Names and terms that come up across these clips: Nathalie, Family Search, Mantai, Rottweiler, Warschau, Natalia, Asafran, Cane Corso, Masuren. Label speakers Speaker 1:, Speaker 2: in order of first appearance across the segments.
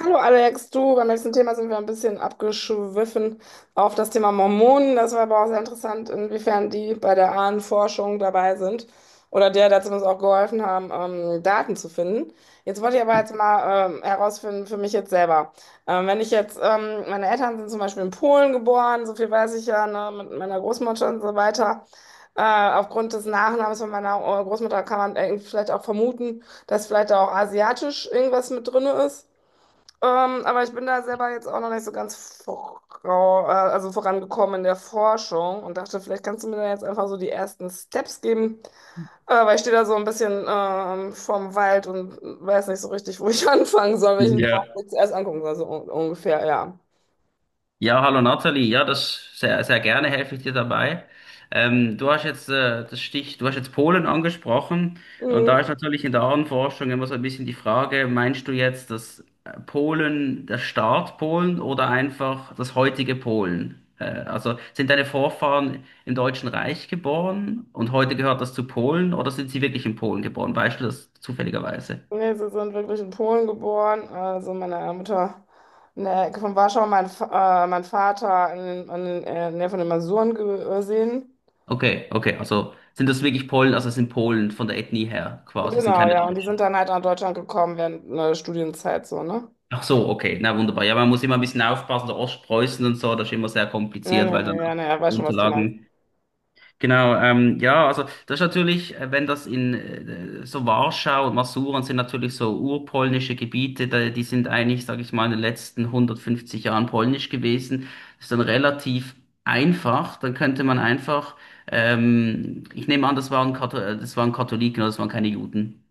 Speaker 1: Hallo Alex, du, beim letzten Thema sind wir ein bisschen abgeschwiffen auf das Thema Mormonen. Das war aber auch sehr interessant, inwiefern die bei der Ahnenforschung dabei sind oder der, der zumindest auch geholfen haben, Daten zu finden. Jetzt wollte ich aber jetzt mal herausfinden für mich jetzt selber. Wenn ich jetzt, meine Eltern sind zum Beispiel in Polen geboren, so viel weiß ich ja, ne, mit meiner Großmutter und so weiter. Aufgrund des Nachnamens von meiner Großmutter kann man vielleicht auch vermuten, dass vielleicht da auch asiatisch irgendwas mit drin ist. Aber ich bin da selber jetzt auch noch nicht so ganz also vorangekommen in der Forschung und dachte, vielleicht kannst du mir da jetzt einfach so die ersten Steps geben, weil ich stehe da so ein bisschen vorm Wald und weiß nicht so richtig, wo ich anfangen soll, welchen Baum
Speaker 2: Ja.
Speaker 1: ich zuerst angucken soll, so un ungefähr, ja.
Speaker 2: Ja, hallo Nathalie. Ja, das sehr, sehr gerne helfe ich dir dabei. Du hast jetzt das Stich, du hast jetzt Polen angesprochen, und
Speaker 1: Mhm.
Speaker 2: da ist natürlich in der Ahnenforschung immer so ein bisschen die Frage, meinst du jetzt das Polen, der Staat Polen oder einfach das heutige Polen? Also sind deine Vorfahren im Deutschen Reich geboren und heute gehört das zu Polen, oder sind sie wirklich in Polen geboren? Weißt du das zufälligerweise?
Speaker 1: Nee, sie sind wirklich in Polen geboren, also meine Mutter in der Ecke von Warschau, mein Vater in der Nähe von den Masuren gesehen.
Speaker 2: Okay, okay, also sind das wirklich Polen, also sind Polen von der Ethnie her quasi, sind
Speaker 1: Genau,
Speaker 2: keine
Speaker 1: ja. Und die sind
Speaker 2: Deutschen.
Speaker 1: dann halt nach Deutschland gekommen während einer Studienzeit so, ne?
Speaker 2: Ach so, okay, na wunderbar. Ja, man muss immer ein bisschen aufpassen, so Ostpreußen und so, das ist immer sehr
Speaker 1: Nee,
Speaker 2: kompliziert,
Speaker 1: nee,
Speaker 2: weil dann auch
Speaker 1: nee, ja, weiß
Speaker 2: die
Speaker 1: schon, was du meinst.
Speaker 2: Unterlagen. Genau, ja, also das ist natürlich, wenn das in so Warschau und Masuren sind, natürlich so urpolnische Gebiete, da, die sind eigentlich, sage ich mal, in den letzten 150 Jahren polnisch gewesen. Das ist dann relativ einfach. Dann könnte man einfach, ich nehme an, das waren Kathol das waren Katholiken, oder das waren keine Juden.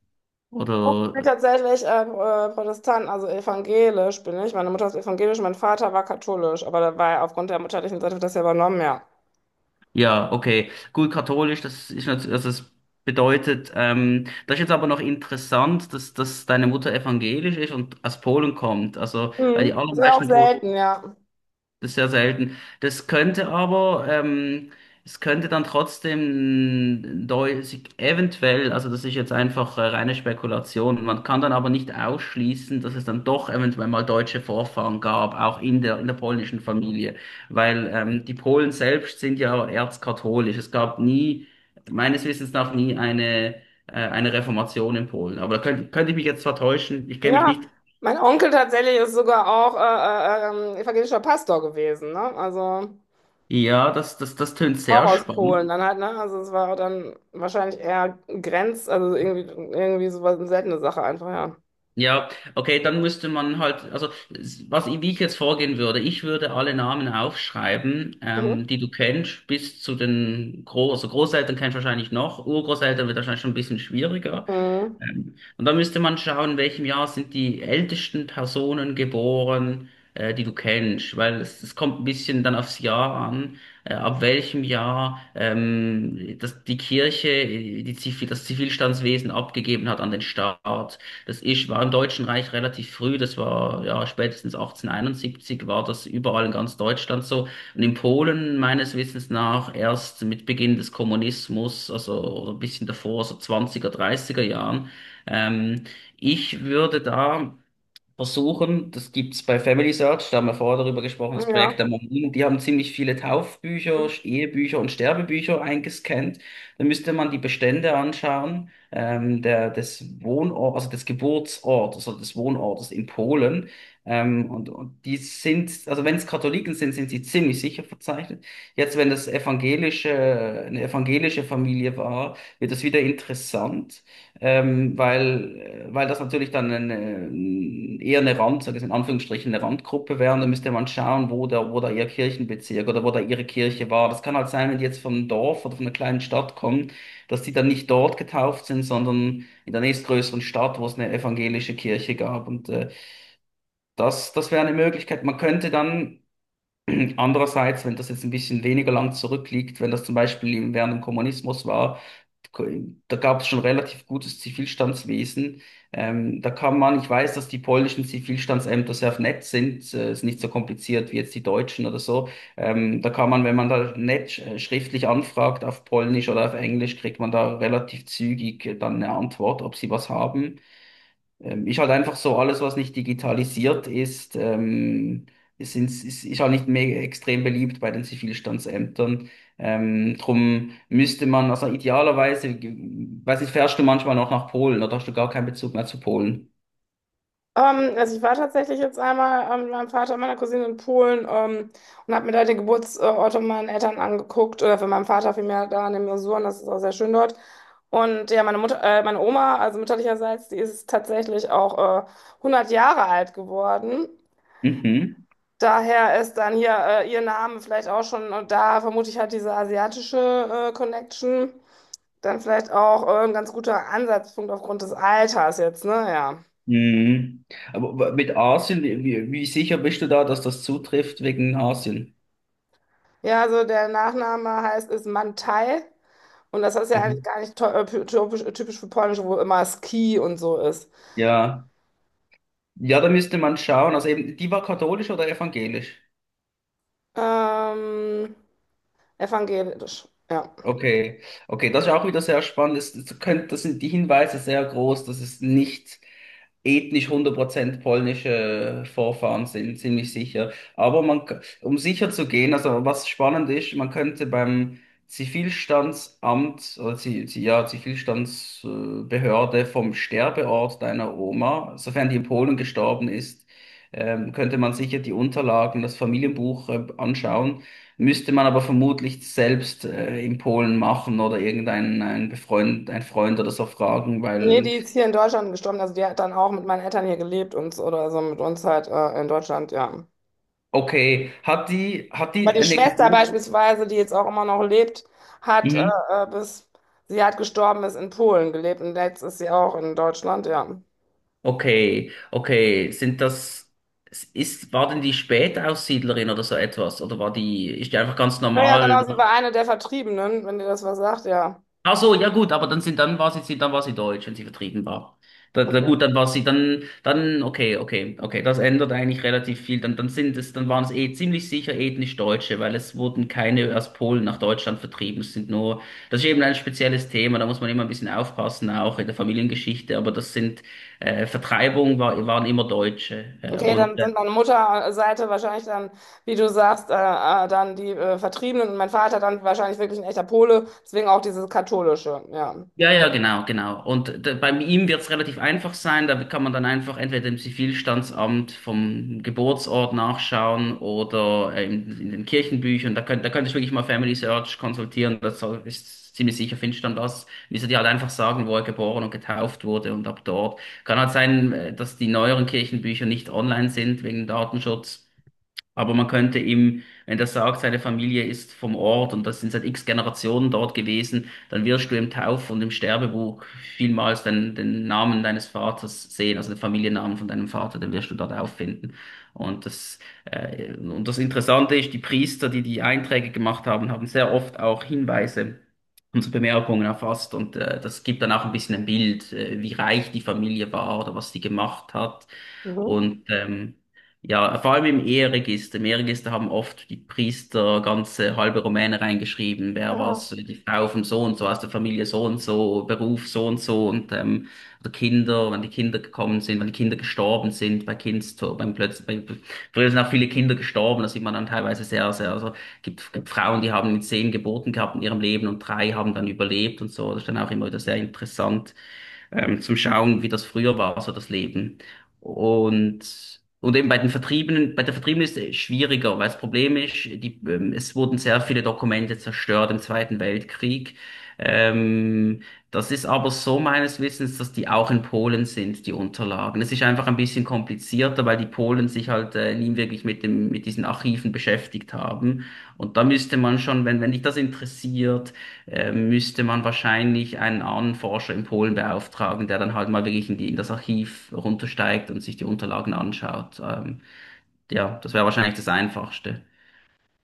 Speaker 1: Ich bin
Speaker 2: Oder?
Speaker 1: tatsächlich Protestant, also evangelisch bin ich. Meine Mutter ist evangelisch, mein Vater war katholisch, aber da war er aufgrund der mütterlichen Seite wird das ja übernommen, ja.
Speaker 2: Ja, okay. Gut, katholisch, das ist natürlich, also das bedeutet, das ist jetzt aber noch interessant, dass, dass deine Mutter evangelisch ist und aus Polen kommt. Also, weil
Speaker 1: Mhm.
Speaker 2: die
Speaker 1: Das ist ja auch
Speaker 2: allermeisten Polen,
Speaker 1: selten, ja.
Speaker 2: das ist sehr selten. Das könnte aber, es könnte dann trotzdem sich eventuell, also das ist jetzt einfach reine Spekulation, man kann dann aber nicht ausschließen, dass es dann doch eventuell mal deutsche Vorfahren gab, auch in der polnischen Familie, weil die Polen selbst sind ja erzkatholisch. Es gab nie, meines Wissens nach, nie eine, eine Reformation in Polen. Aber da könnte, könnte ich mich jetzt vertäuschen, ich kenne mich
Speaker 1: Ja,
Speaker 2: nicht.
Speaker 1: mein Onkel tatsächlich ist sogar auch evangelischer Pastor gewesen, ne? Also
Speaker 2: Ja, das, das, das tönt
Speaker 1: auch
Speaker 2: sehr
Speaker 1: aus
Speaker 2: spannend.
Speaker 1: Polen dann halt, ne? Also es war dann wahrscheinlich eher Grenz, also irgendwie so was, eine seltene Sache einfach,
Speaker 2: Ja, okay, dann müsste man halt, also was ich, wie ich jetzt vorgehen würde, ich würde alle Namen aufschreiben,
Speaker 1: ja.
Speaker 2: die du kennst, bis zu den Groß, also Großeltern kennst du wahrscheinlich noch, Urgroßeltern wird wahrscheinlich schon ein bisschen schwieriger,
Speaker 1: Mhm.
Speaker 2: und da müsste man schauen, in welchem Jahr sind die ältesten Personen geboren, die du kennst, weil es kommt ein bisschen dann aufs Jahr an, ab welchem Jahr das, die Kirche die Zivil, das Zivilstandswesen abgegeben hat an den Staat. Das ist, war im Deutschen Reich relativ früh, das war ja spätestens 1871, war das überall in ganz Deutschland so. Und in Polen meines Wissens nach erst mit Beginn des Kommunismus, also oder ein bisschen davor, so 20er, 30er Jahren. Ähm, Ich würde da versuchen, das gibt's bei Family Search, da haben wir vorher darüber gesprochen, das Projekt
Speaker 1: Ja.
Speaker 2: der Mormonen, die haben ziemlich viele Taufbücher, Ehebücher und Sterbebücher eingescannt. Da müsste man die Bestände anschauen, der, des Wohnort, also des Geburtsortes oder des Wohnortes in Polen. Und die sind, also wenn es Katholiken sind, sind sie ziemlich sicher verzeichnet. Jetzt, wenn das evangelische, eine evangelische Familie war, wird das wieder interessant. Weil, weil das natürlich dann eine, eher eine Rand, sag ich in Anführungsstrichen, eine Randgruppe wäre, und dann müsste man schauen, wo da ihr Kirchenbezirk oder wo da ihre Kirche war. Das kann halt sein, wenn die jetzt vom Dorf oder von einer kleinen Stadt kommen, dass die dann nicht dort getauft sind, sondern in der nächstgrößeren Stadt, wo es eine evangelische Kirche gab. Und das, das wäre eine Möglichkeit. Man könnte dann andererseits, wenn das jetzt ein bisschen weniger lang zurückliegt, wenn das zum Beispiel während dem Kommunismus war, da gab es schon relativ gutes Zivilstandswesen. Da kann man, ich weiß, dass die polnischen Zivilstandsämter sehr nett sind, ist nicht so kompliziert wie jetzt die deutschen oder so. Da kann man, wenn man da nett schriftlich anfragt auf Polnisch oder auf Englisch, kriegt man da relativ zügig dann eine Antwort, ob sie was haben. Ist halt einfach so, alles, was nicht digitalisiert ist, ist halt nicht mehr extrem beliebt bei den Zivilstandsämtern. Drum müsste man, also idealerweise, weiß nicht, fährst du manchmal noch nach Polen oder hast du gar keinen Bezug mehr zu Polen?
Speaker 1: Also ich war tatsächlich jetzt einmal mit meinem Vater und meiner Cousine in Polen, und habe mir da den Geburtsort von meinen Eltern angeguckt oder für meinen Vater vielmehr da in den Masuren, das ist auch sehr schön dort. Und ja, meine Mutter, meine Oma, also mütterlicherseits, die ist tatsächlich auch 100 Jahre alt geworden.
Speaker 2: Mhm.
Speaker 1: Daher ist dann hier ihr Name vielleicht auch schon, und da vermute ich halt diese asiatische Connection, dann vielleicht auch ein ganz guter Ansatzpunkt aufgrund des Alters jetzt, ne? Ja.
Speaker 2: Mhm. Aber mit Asien, wie, wie sicher bist du da, dass das zutrifft wegen Asien?
Speaker 1: Ja, also der Nachname heißt ist Mantai und das ist ja eigentlich
Speaker 2: Mhm.
Speaker 1: gar nicht typisch für Polnisch, wo immer Ski und so ist.
Speaker 2: Ja. Ja, da müsste man schauen. Also eben, die war katholisch oder evangelisch?
Speaker 1: Ähm, Evangelisch, ja.
Speaker 2: Okay, okay, das ist auch wieder sehr spannend. Das, das, könnt, das sind die Hinweise sehr groß, dass es nicht ethnisch 100% polnische Vorfahren sind, ziemlich sicher. Aber man, um sicher zu gehen, also was spannend ist, man könnte beim Zivilstandsamt oder ja, Zivilstandsbehörde vom Sterbeort deiner Oma, sofern die in Polen gestorben ist, könnte man sicher die Unterlagen, das Familienbuch anschauen. Müsste man aber vermutlich selbst in Polen machen oder irgendeinen einen Befreund, ein Freund oder so fragen,
Speaker 1: Nee, die
Speaker 2: weil,
Speaker 1: ist hier in Deutschland gestorben, also die hat dann auch mit meinen Eltern hier gelebt und oder so mit uns halt in Deutschland, ja.
Speaker 2: okay, hat die
Speaker 1: Aber die
Speaker 2: eine
Speaker 1: Schwester
Speaker 2: Geburt?
Speaker 1: beispielsweise, die jetzt auch immer noch lebt, hat
Speaker 2: Mhm.
Speaker 1: bis sie hat gestorben ist in Polen gelebt und jetzt ist sie auch in Deutschland, ja.
Speaker 2: Okay, okay, sind das, ist, war denn die Spätaussiedlerin oder so etwas? Oder war die, ist die einfach ganz
Speaker 1: Ja, ja,
Speaker 2: normal?
Speaker 1: genau, sie war eine der Vertriebenen, wenn dir das was sagt, ja.
Speaker 2: Ach so, ja gut, aber dann sind, dann war sie, dann war sie deutsch, wenn sie vertrieben war. Da, da,
Speaker 1: Okay.
Speaker 2: gut, dann war sie, dann, dann, okay, okay, okay, das ändert eigentlich relativ viel. Dann, dann sind es, dann waren es eh ziemlich sicher ethnisch Deutsche, weil es wurden keine aus Polen nach Deutschland vertrieben. Es sind nur, das ist eben ein spezielles Thema, da muss man immer ein bisschen aufpassen, auch in der Familiengeschichte, aber das sind, Vertreibung war, waren immer Deutsche.
Speaker 1: Okay, dann
Speaker 2: Und
Speaker 1: sind meine Mutterseite wahrscheinlich dann, wie du sagst, dann die Vertriebenen und mein Vater dann wahrscheinlich wirklich ein echter Pole, deswegen auch dieses katholische, ja.
Speaker 2: ja, ja, genau, genau. Und bei ihm wird es relativ einfach sein. Da kann man dann einfach entweder im Zivilstandsamt vom Geburtsort nachschauen oder in den Kirchenbüchern. Da könnt, da könntest du wirklich mal Family Search konsultieren. Das ist ziemlich sicher, findest du dann das. Müsste dir halt einfach sagen, wo er geboren und getauft wurde und ab dort. Kann halt sein, dass die neueren Kirchenbücher nicht online sind wegen Datenschutz. Aber man könnte ihm, wenn der sagt, seine Familie ist vom Ort und das sind seit x Generationen dort gewesen, dann wirst du im Tauf- und im Sterbebuch vielmals den, den Namen deines Vaters sehen, also den Familiennamen von deinem Vater, den wirst du dort auffinden. Und das, und das Interessante ist, die Priester, die die Einträge gemacht haben, haben sehr oft auch Hinweise und so Bemerkungen erfasst, und das gibt dann auch ein bisschen ein Bild, wie reich die Familie war oder was sie gemacht hat.
Speaker 1: Mhm.
Speaker 2: Und ja, vor allem im Eheregister. Im Eheregister haben oft die Priester ganze halbe Romane reingeschrieben. Wer
Speaker 1: Aha.
Speaker 2: was, die Frau vom so und so, aus der Familie so und so, Beruf so und so, und oder Kinder, wenn die Kinder gekommen sind, wenn die Kinder gestorben sind, bei Kindstod, beim plötzlich, bei, früher sind auch viele Kinder gestorben, da sieht man dann teilweise sehr, sehr, also gibt, gibt Frauen, die haben 10 Geburten gehabt in ihrem Leben und drei haben dann überlebt und so. Das ist dann auch immer wieder sehr interessant zum Schauen, wie das früher war, so das Leben. Und, und eben bei den Vertriebenen, bei der Vertriebenen ist es schwieriger, weil das Problem ist, die, es wurden sehr viele Dokumente zerstört im Zweiten Weltkrieg. Ähm, Das ist aber so meines Wissens, dass die auch in Polen sind, die Unterlagen. Es ist einfach ein bisschen komplizierter, weil die Polen sich halt nie wirklich mit dem, mit diesen Archiven beschäftigt haben. Und da müsste man schon, wenn, wenn dich das interessiert, müsste man wahrscheinlich einen anderen Forscher in Polen beauftragen, der dann halt mal wirklich in die, in das Archiv runtersteigt und sich die Unterlagen anschaut. Ja, das wäre wahrscheinlich das Einfachste.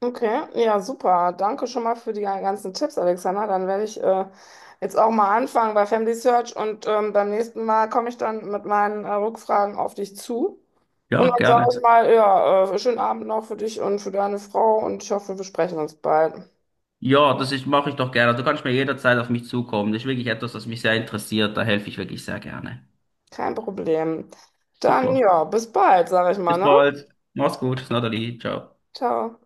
Speaker 1: Okay, ja, super. Danke schon mal für die ganzen Tipps, Alexander. Dann werde ich jetzt auch mal anfangen bei Family Search und beim nächsten Mal komme ich dann mit meinen Rückfragen auf dich zu. Und
Speaker 2: Ja,
Speaker 1: dann sage ich
Speaker 2: gerne.
Speaker 1: mal, ja, schönen Abend noch für dich und für deine Frau und ich hoffe, wir sprechen uns bald.
Speaker 2: Ja, das ist, mache ich doch gerne. Also du kannst mir jederzeit auf mich zukommen. Das ist wirklich etwas, das mich sehr interessiert. Da helfe ich wirklich sehr gerne.
Speaker 1: Kein Problem. Dann
Speaker 2: Super.
Speaker 1: ja, bis bald, sag ich mal,
Speaker 2: Bis
Speaker 1: ne?
Speaker 2: bald. Mach's gut. Natalie. Ciao.
Speaker 1: Ciao.